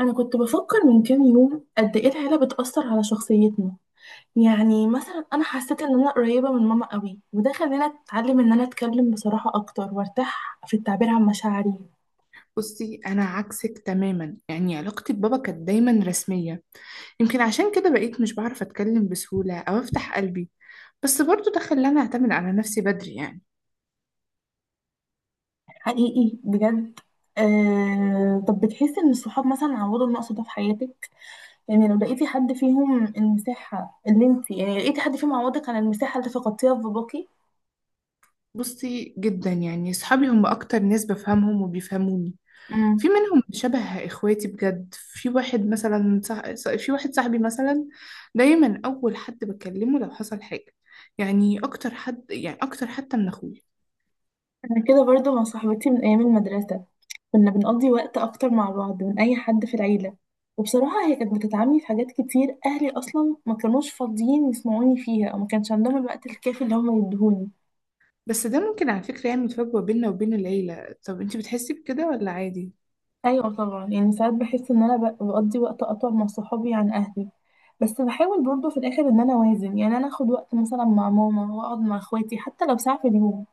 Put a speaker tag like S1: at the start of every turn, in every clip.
S1: أنا كنت بفكر من كام يوم قد إيه العيلة بتأثر على شخصيتنا. يعني مثلا أنا حسيت إن أنا قريبة من ماما قوي، وده خلاني أتعلم إن أنا أتكلم بصراحة أكتر وأرتاح في التعبير عن مشاعري.
S2: بصي، انا عكسك تماما. يعني علاقتي ببابا كانت دايما رسميه. يمكن عشان كده بقيت مش بعرف اتكلم بسهوله او افتح قلبي. بس برضو ده خلاني اعتمد على نفسي بدري يعني.
S1: حقيقي بجد. طب بتحسي إن الصحاب مثلا عوضوا النقص ده في حياتك؟ يعني لو لقيتي حد فيهم المساحة اللي انت، يعني لقيتي حد فيهم عوضك عن المساحة اللي فقدتيها في باباكي؟
S2: بصي، جدا يعني. صحابي هم اكتر ناس بفهمهم وبيفهموني.
S1: أمم.
S2: في منهم شبه اخواتي بجد. في واحد صاحبي مثلا، دايما اول حد بكلمه لو حصل حاجه. يعني اكتر حد يعني اكتر، حتى من اخويا.
S1: أنا كده برضو مع صاحبتي من أيام المدرسة، كنا بنقضي وقت أكتر مع بعض من أي حد في العيلة، وبصراحة هي كانت بتدعمني في حاجات كتير أهلي أصلا ما كانوش فاضيين يسمعوني فيها، أو ما كانش عندهم الوقت الكافي اللي هما يدهوني.
S2: بس ده ممكن على فكرة يعمل فجوة بيننا وبين العيلة. طب انتي بتحسي بكده ولا عادي؟
S1: أيوة طبعا، يعني ساعات بحس إن أنا بقضي وقت أطول مع صحابي عن أهلي، بس بحاول برضه في الآخر إن أنا أوازن، يعني أنا أخد وقت مثلا مع ماما وأقعد مع إخواتي حتى لو ساعة في اليوم.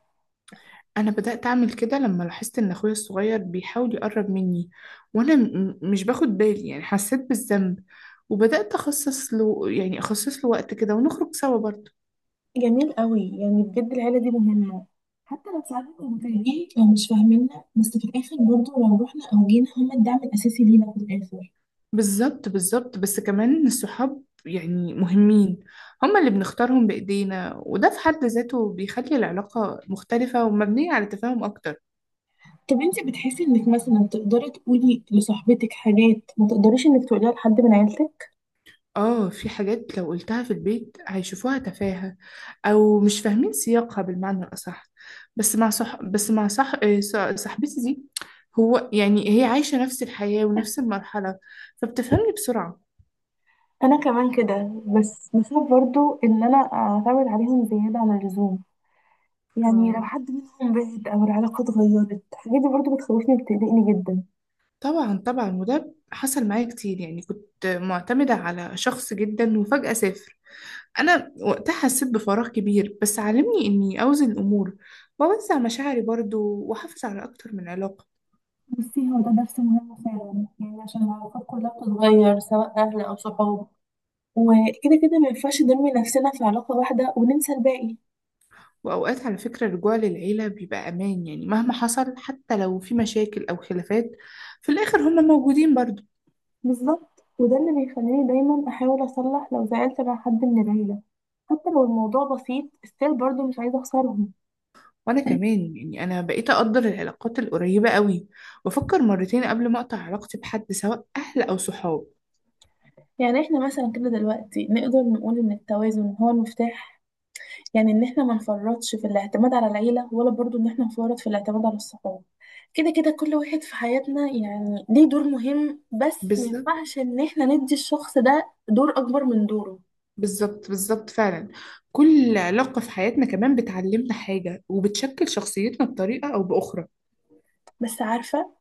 S2: أنا بدأت أعمل كده لما لاحظت إن أخويا الصغير بيحاول يقرب مني وأنا مش باخد بالي، يعني حسيت بالذنب، وبدأت أخصص له وقت كده ونخرج سوا برضه.
S1: جميل قوي، يعني بجد العيلة دي مهمة، حتى لو ساعات كانوا متضايقين أو مش فاهميننا، بس في الآخر برضه لو رحنا أو جينا هما الدعم الأساسي لينا في الآخر.
S2: بالظبط، بالظبط. بس كمان الصحاب يعني مهمين. هما اللي بنختارهم بإيدينا، وده في حد ذاته بيخلي العلاقة مختلفة ومبنية على تفاهم أكتر.
S1: طب انت بتحسي انك مثلا تقدري تقولي لصاحبتك حاجات ما تقدريش انك تقوليها لحد من عيلتك؟
S2: اه، في حاجات لو قلتها في البيت هيشوفوها تفاهة او مش فاهمين سياقها بالمعنى الاصح. بس مع صح بس مع صح آه، ص- صاحبتي دي، هو يعني هي عايشة نفس الحياة ونفس المرحلة، فبتفهمني بسرعة.
S1: انا كمان كده، بس بخاف برضو ان انا اعتمد عليهم زياده عن اللزوم، يعني لو
S2: آه،
S1: حد منهم بعد او العلاقه اتغيرت، الحاجات دي برضو بتخوفني وبتقلقني جدا.
S2: طبعا، طبعا. وده حصل معايا كتير، يعني كنت معتمدة على شخص جدا وفجأة سافر. انا وقتها حسيت بفراغ كبير، بس علمني اني اوزن الامور واوزع مشاعري برضو واحافظ على اكتر من علاقة.
S1: بصي، هو ده درس مهم فعلا، يعني عشان العلاقات كلها بتتغير سواء اهل او صحاب، وكده كده ما ينفعش نرمي نفسنا في علاقه واحده وننسى الباقي.
S2: وأوقات على فكرة الرجوع للعيلة بيبقى أمان، يعني مهما حصل، حتى لو في مشاكل أو خلافات، في الآخر هما موجودين برضو.
S1: بالظبط، وده اللي بيخليني دايما احاول اصلح لو زعلت مع حد من العيله، حتى لو الموضوع بسيط استيل برضه مش عايزه اخسرهم.
S2: وأنا كمان، يعني أنا بقيت أقدر العلاقات القريبة قوي وأفكر مرتين قبل ما أقطع علاقتي بحد، سواء أهل أو صحاب.
S1: يعني احنا مثلا كده دلوقتي نقدر نقول ان التوازن هو المفتاح، يعني ان احنا ما نفرطش في الاعتماد على العيلة، ولا برضو ان احنا نفرط في الاعتماد على الصحاب. كده كده كل واحد في حياتنا يعني ليه دور مهم، بس ما
S2: بالظبط،
S1: ينفعش ان احنا ندي الشخص ده دور اكبر من دوره.
S2: بالظبط، بالظبط، فعلا. كل علاقة في حياتنا كمان بتعلمنا حاجة وبتشكل شخصيتنا بطريقة أو بأخرى.
S1: بس عارفة،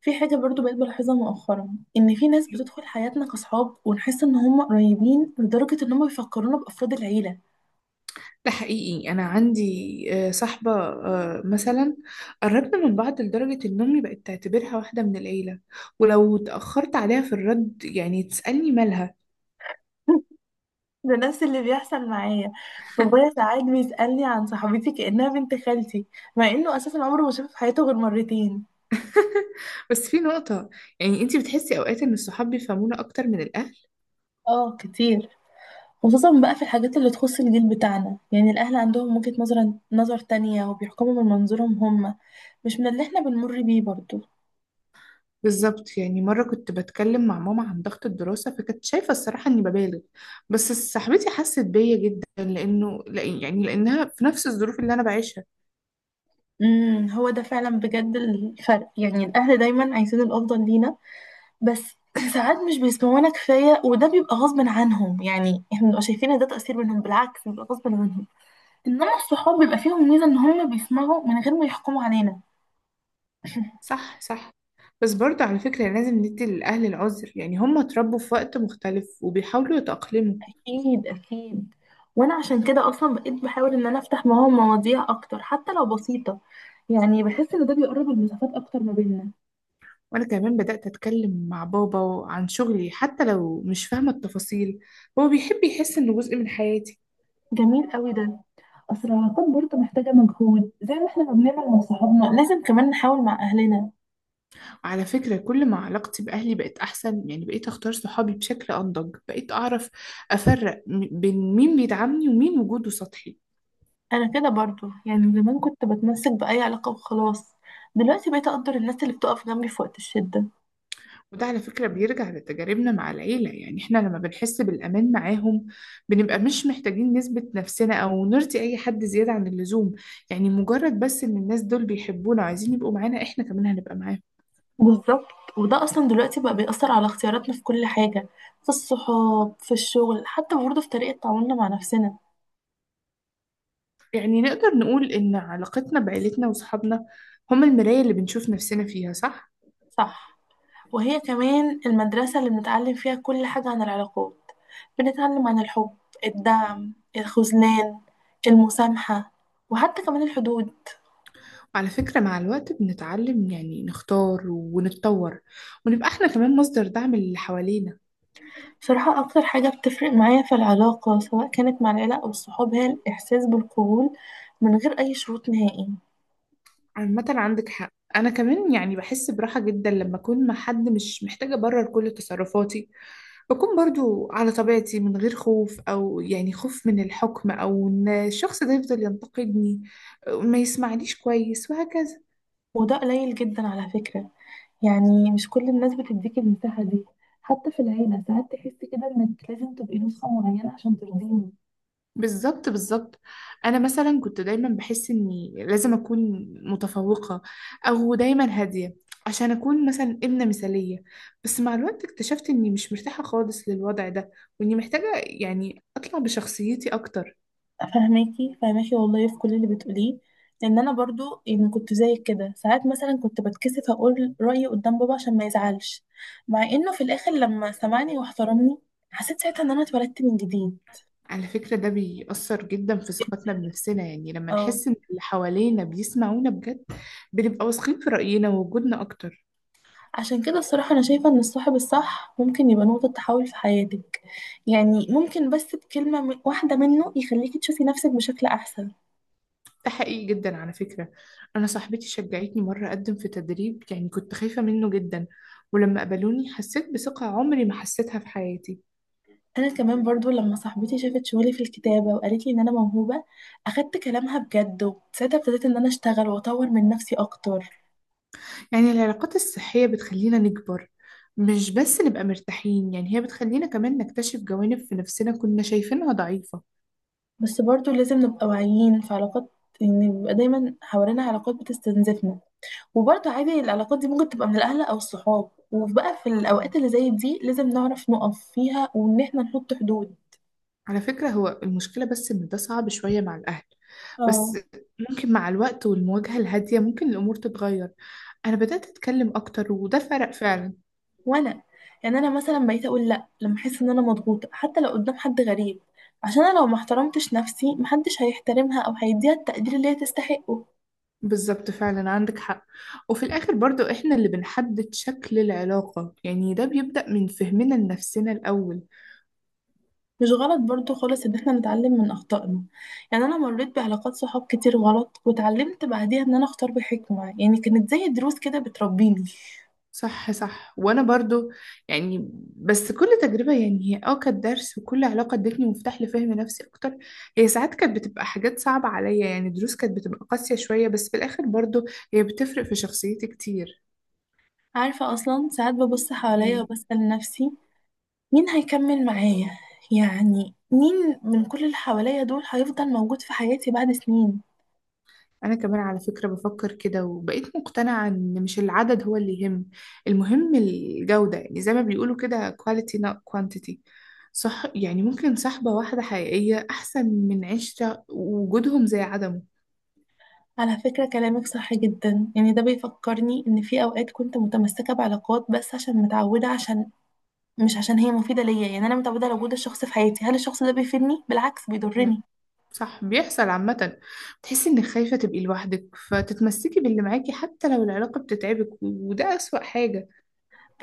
S1: في حاجة برضو بقيت بلاحظها مؤخرا، إن في ناس بتدخل حياتنا كصحاب ونحس إن هم قريبين لدرجة إن هم بيفكرونا بأفراد العيلة.
S2: ده حقيقي، أنا عندي صاحبة مثلا، قربنا من بعض لدرجة إن أمي بقت تعتبرها واحدة من العيلة، ولو اتأخرت عليها في الرد يعني تسألني مالها.
S1: ده نفس اللي بيحصل معايا، بابايا ساعات بيسألني عن صاحبتي كأنها بنت خالتي، مع إنه أساسا عمره ما شافها في حياته غير مرتين.
S2: بس في نقطة، يعني أنتي بتحسي أوقات إن الصحاب بيفهمونا أكتر من الأهل؟
S1: آه كتير، خصوصا بقى في الحاجات اللي تخص الجيل بتاعنا، يعني الأهل عندهم وجهة نظر تانية، وبيحكموا من منظورهم هم، مش من اللي إحنا بنمر بيه برضو.
S2: بالظبط، يعني مرة كنت بتكلم مع ماما عن ضغط الدراسة، فكانت شايفة الصراحة إني ببالغ، بس صاحبتي حست بيا جدا، لأنها في نفس الظروف اللي أنا بعيشها.
S1: امم، هو ده فعلا بجد الفرق، يعني الأهل دايما عايزين الأفضل لينا، بس ساعات مش بيسمعونا كفاية، وده بيبقى غصب عنهم، يعني احنا بنبقى شايفين ان ده تأثير منهم، بالعكس بيبقى غصب عنهم. انما الصحاب بيبقى فيهم ميزة ان هم بيسمعوا من غير ما يحكموا علينا.
S2: صح، صح. بس برضه على فكرة لازم ندي للأهل العذر، يعني هم اتربوا في وقت مختلف وبيحاولوا يتأقلموا.
S1: اكيد اكيد، وانا عشان كده اصلا بقيت بحاول ان انا افتح معاهم مواضيع اكتر حتى لو بسيطة، يعني بحس ان ده بيقرب المسافات اكتر ما بيننا.
S2: وأنا كمان بدأت أتكلم مع بابا عن شغلي حتى لو مش فاهمة التفاصيل، هو بيحب يحس إنه جزء من حياتي.
S1: جميل قوي ده، اصل العلاقات برضه محتاجة مجهود، زي ما احنا ما بنعمل مع صحابنا لازم كمان نحاول مع اهلنا.
S2: وعلى فكرة كل ما علاقتي بأهلي بقت أحسن، يعني بقيت أختار صحابي بشكل أنضج، بقيت أعرف أفرق بين مين بيدعمني ومين وجوده سطحي.
S1: انا كده برضو، يعني زمان كنت بتمسك باي علاقه وخلاص، دلوقتي بقيت اقدر الناس اللي بتقف جنبي في وقت الشده.
S2: وده على فكرة بيرجع لتجاربنا مع العيلة، يعني احنا لما بنحس بالأمان معاهم بنبقى مش محتاجين نثبت نفسنا أو نرضي أي حد زيادة عن اللزوم. يعني مجرد بس إن الناس دول بيحبونا وعايزين يبقوا معانا، احنا كمان هنبقى معاهم.
S1: بالظبط، وده اصلا دلوقتي بقى بيأثر على اختياراتنا في كل حاجه، في الصحاب، في الشغل، حتى برضه في طريقه تعاملنا مع نفسنا.
S2: يعني نقدر نقول إن علاقتنا بعيلتنا وصحابنا هم المراية اللي بنشوف نفسنا فيها، صح؟
S1: صح، وهي كمان المدرسه اللي بنتعلم فيها كل حاجه عن العلاقات، بنتعلم عن الحب، الدعم، الخذلان، المسامحه، وحتى كمان الحدود.
S2: على فكرة مع الوقت بنتعلم يعني نختار ونتطور ونبقى احنا كمان مصدر دعم للي حوالينا.
S1: بصراحة أكتر حاجة بتفرق معايا في العلاقة سواء كانت مع العيلة أو الصحاب، هي الإحساس بالقبول من غير أي شروط نهائي.
S2: عامة عندك حق. أنا كمان يعني بحس براحة جدا لما أكون مع حد مش محتاجة أبرر كل تصرفاتي، بكون برضو على طبيعتي من غير خوف، أو يعني خوف من الحكم أو إن الشخص ده يفضل ينتقدني، ما يسمعنيش كويس، وهكذا.
S1: وده قليل جدا على فكرة، يعني مش كل الناس بتديك المساحة دي، حتى في العيلة ساعات تحسي كده إنك لازم تبقي نسخة معينة عشان ترضيهم.
S2: بالظبط، بالظبط. انا مثلا كنت دايما بحس اني لازم اكون متفوقه او دايما هاديه، عشان اكون مثلا ابنه مثاليه، بس مع الوقت اكتشفت اني مش مرتاحه خالص للوضع ده، واني محتاجه يعني اطلع بشخصيتي اكتر.
S1: فاهماكي فاهماكي والله في كل اللي بتقوليه، لأن أنا برضو يعني كنت زيك كده. ساعات مثلا كنت بتكسف أقول رأيي قدام بابا عشان ما يزعلش، مع إنه في الآخر لما سمعني واحترمني حسيت ساعتها إن أنا اتولدت من جديد.
S2: على فكره ده بيأثر جدا في ثقتنا بنفسنا، يعني لما
S1: اه.
S2: نحس ان اللي حوالينا بيسمعونا بجد بنبقى واثقين في رأينا ووجودنا اكتر.
S1: عشان كده الصراحة أنا شايفة إن الصاحب الصح ممكن يبقى نقطة تحول في حياتك، يعني ممكن بس بكلمة واحدة منه يخليكي تشوفي نفسك بشكل أحسن.
S2: ده حقيقي جدا على فكرة. أنا صاحبتي شجعتني مرة أقدم في تدريب، يعني كنت خايفة منه جدا، ولما قبلوني حسيت بثقة عمري ما حسيتها في حياتي.
S1: أنا كمان برضو لما صاحبتي شافت شغلي في الكتابة وقالت لي إن أنا موهوبة، أخدت كلامها بجد، وساعتها ابتديت إن أنا أشتغل وأطور من نفسي أكتر.
S2: يعني العلاقات الصحية بتخلينا نكبر، مش بس نبقى مرتاحين، يعني هي بتخلينا كمان نكتشف جوانب في نفسنا كنا شايفينها ضعيفة.
S1: بس برضو لازم نبقى واعيين في علاقات، إن بيبقى دايما حوالينا علاقات بتستنزفنا، وبرضه عادي العلاقات دي ممكن تبقى من الأهل أو الصحاب، وبقى في الأوقات اللي زي دي لازم نعرف نقف فيها، وإن احنا نحط حدود.
S2: على فكرة هو المشكلة بس إن ده صعب شوية مع الأهل،
S1: اه.
S2: بس ممكن مع الوقت والمواجهة الهادية ممكن الأمور تتغير. أنا بدأت أتكلم أكتر وده فرق فعلا.
S1: وأنا، يعني أنا مثلا بقيت أقول لأ لما أحس إن أنا مضغوطة، حتى لو قدام حد غريب، عشان أنا لو ما احترمتش نفسي محدش هيحترمها أو هيديها التقدير اللي هي تستحقه.
S2: بالظبط، فعلا عندك حق. وفي الآخر برضو إحنا اللي بنحدد شكل العلاقة، يعني ده بيبدأ من فهمنا لنفسنا الأول.
S1: مش غلط برضه خالص إن احنا نتعلم من أخطائنا، يعني أنا مريت بعلاقات صحاب كتير غلط واتعلمت بعديها إن أنا أختار بحكمة، يعني كانت زي دروس كده بتربيني.
S2: صح، صح. وأنا برضو، يعني بس كل تجربة يعني هي كانت درس، وكل علاقة ادتني مفتاح لفهم نفسي أكتر. هي ساعات كانت بتبقى حاجات صعبة عليا، يعني دروس كانت بتبقى قاسية شوية، بس في الآخر برضو هي بتفرق في شخصيتي كتير.
S1: عارفة أصلا ساعات ببص حواليا
S2: يعني
S1: وبسأل نفسي، مين هيكمل معايا، يعني مين من كل اللي حواليا دول هيفضل موجود في حياتي بعد سنين.
S2: أنا كمان على فكرة بفكر كده، وبقيت مقتنعة إن مش العدد هو اللي يهم، المهم الجودة. يعني زي ما بيقولوا كده quality not quantity. صح، يعني ممكن صحبة واحدة حقيقية أحسن من 10 وجودهم زي عدمه.
S1: على فكرة كلامك صح جدا، يعني ده بيفكرني إن في أوقات كنت متمسكة بعلاقات بس عشان متعودة، عشان مش عشان هي مفيدة ليا، يعني أنا متعودة على وجود الشخص في حياتي. هل الشخص ده بيفيدني؟ بالعكس
S2: لا،
S1: بيضرني.
S2: صح، بيحصل عامة. بتحسي إنك خايفة تبقي لوحدك فتتمسكي باللي معاكي حتى لو العلاقة بتتعبك، وده أسوأ حاجة.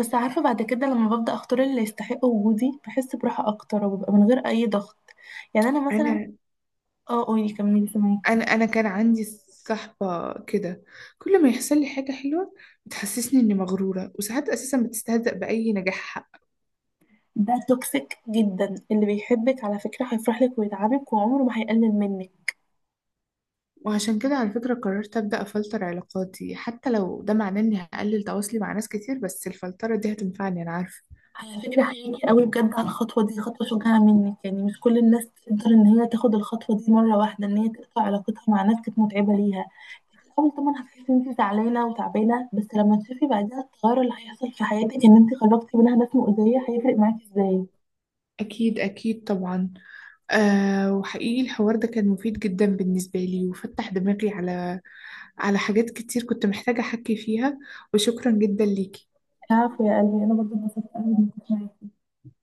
S1: بس عارفة بعد كده لما ببدأ أختار اللي يستحق وجودي بحس براحة أكتر، وببقى من غير أي ضغط. يعني أنا مثلا.
S2: أنا
S1: اه قولي كملي سامعاكي.
S2: انا انا كان عندي صحبة كده، كل ما يحصل لي حاجة حلوة بتحسسني اني مغرورة، وساعات اساسا بتستهزأ بأي نجاح حق.
S1: ده توكسيك جدا، اللي بيحبك على فكرة هيفرح لك ويدعمك، وعمره ما هيقلل منك.
S2: وعشان كده على فكرة قررت أبدأ أفلتر علاقاتي، حتى لو ده معناه إني هقلل تواصلي مع ناس كتير، بس الفلترة دي هتنفعني، أنا عارفة.
S1: على فكرة حقيقي قوي بجد على الخطوة دي، خطوة شجاعة منك، يعني مش كل الناس تقدر ان هي تاخد الخطوة دي مرة واحدة، ان هي تقطع علاقتها مع ناس كانت متعبة ليها. في الأول طبعا هتحسي ان انت زعلانة وتعبانة، بس لما تشوفي بعدها التغير اللي هيحصل في حياتك ان انت خرجتي منها ناس مؤذية، هيفرق معاكي ازاي.
S2: أكيد، أكيد، طبعا. أه، وحقيقي الحوار ده كان مفيد جدا بالنسبة لي، وفتح دماغي على حاجات كتير كنت محتاجة أحكي فيها. وشكرا جدا ليكي.
S1: عفوا يا قلبي، انا برضه اتبسطت قوي إني كنت معاكي.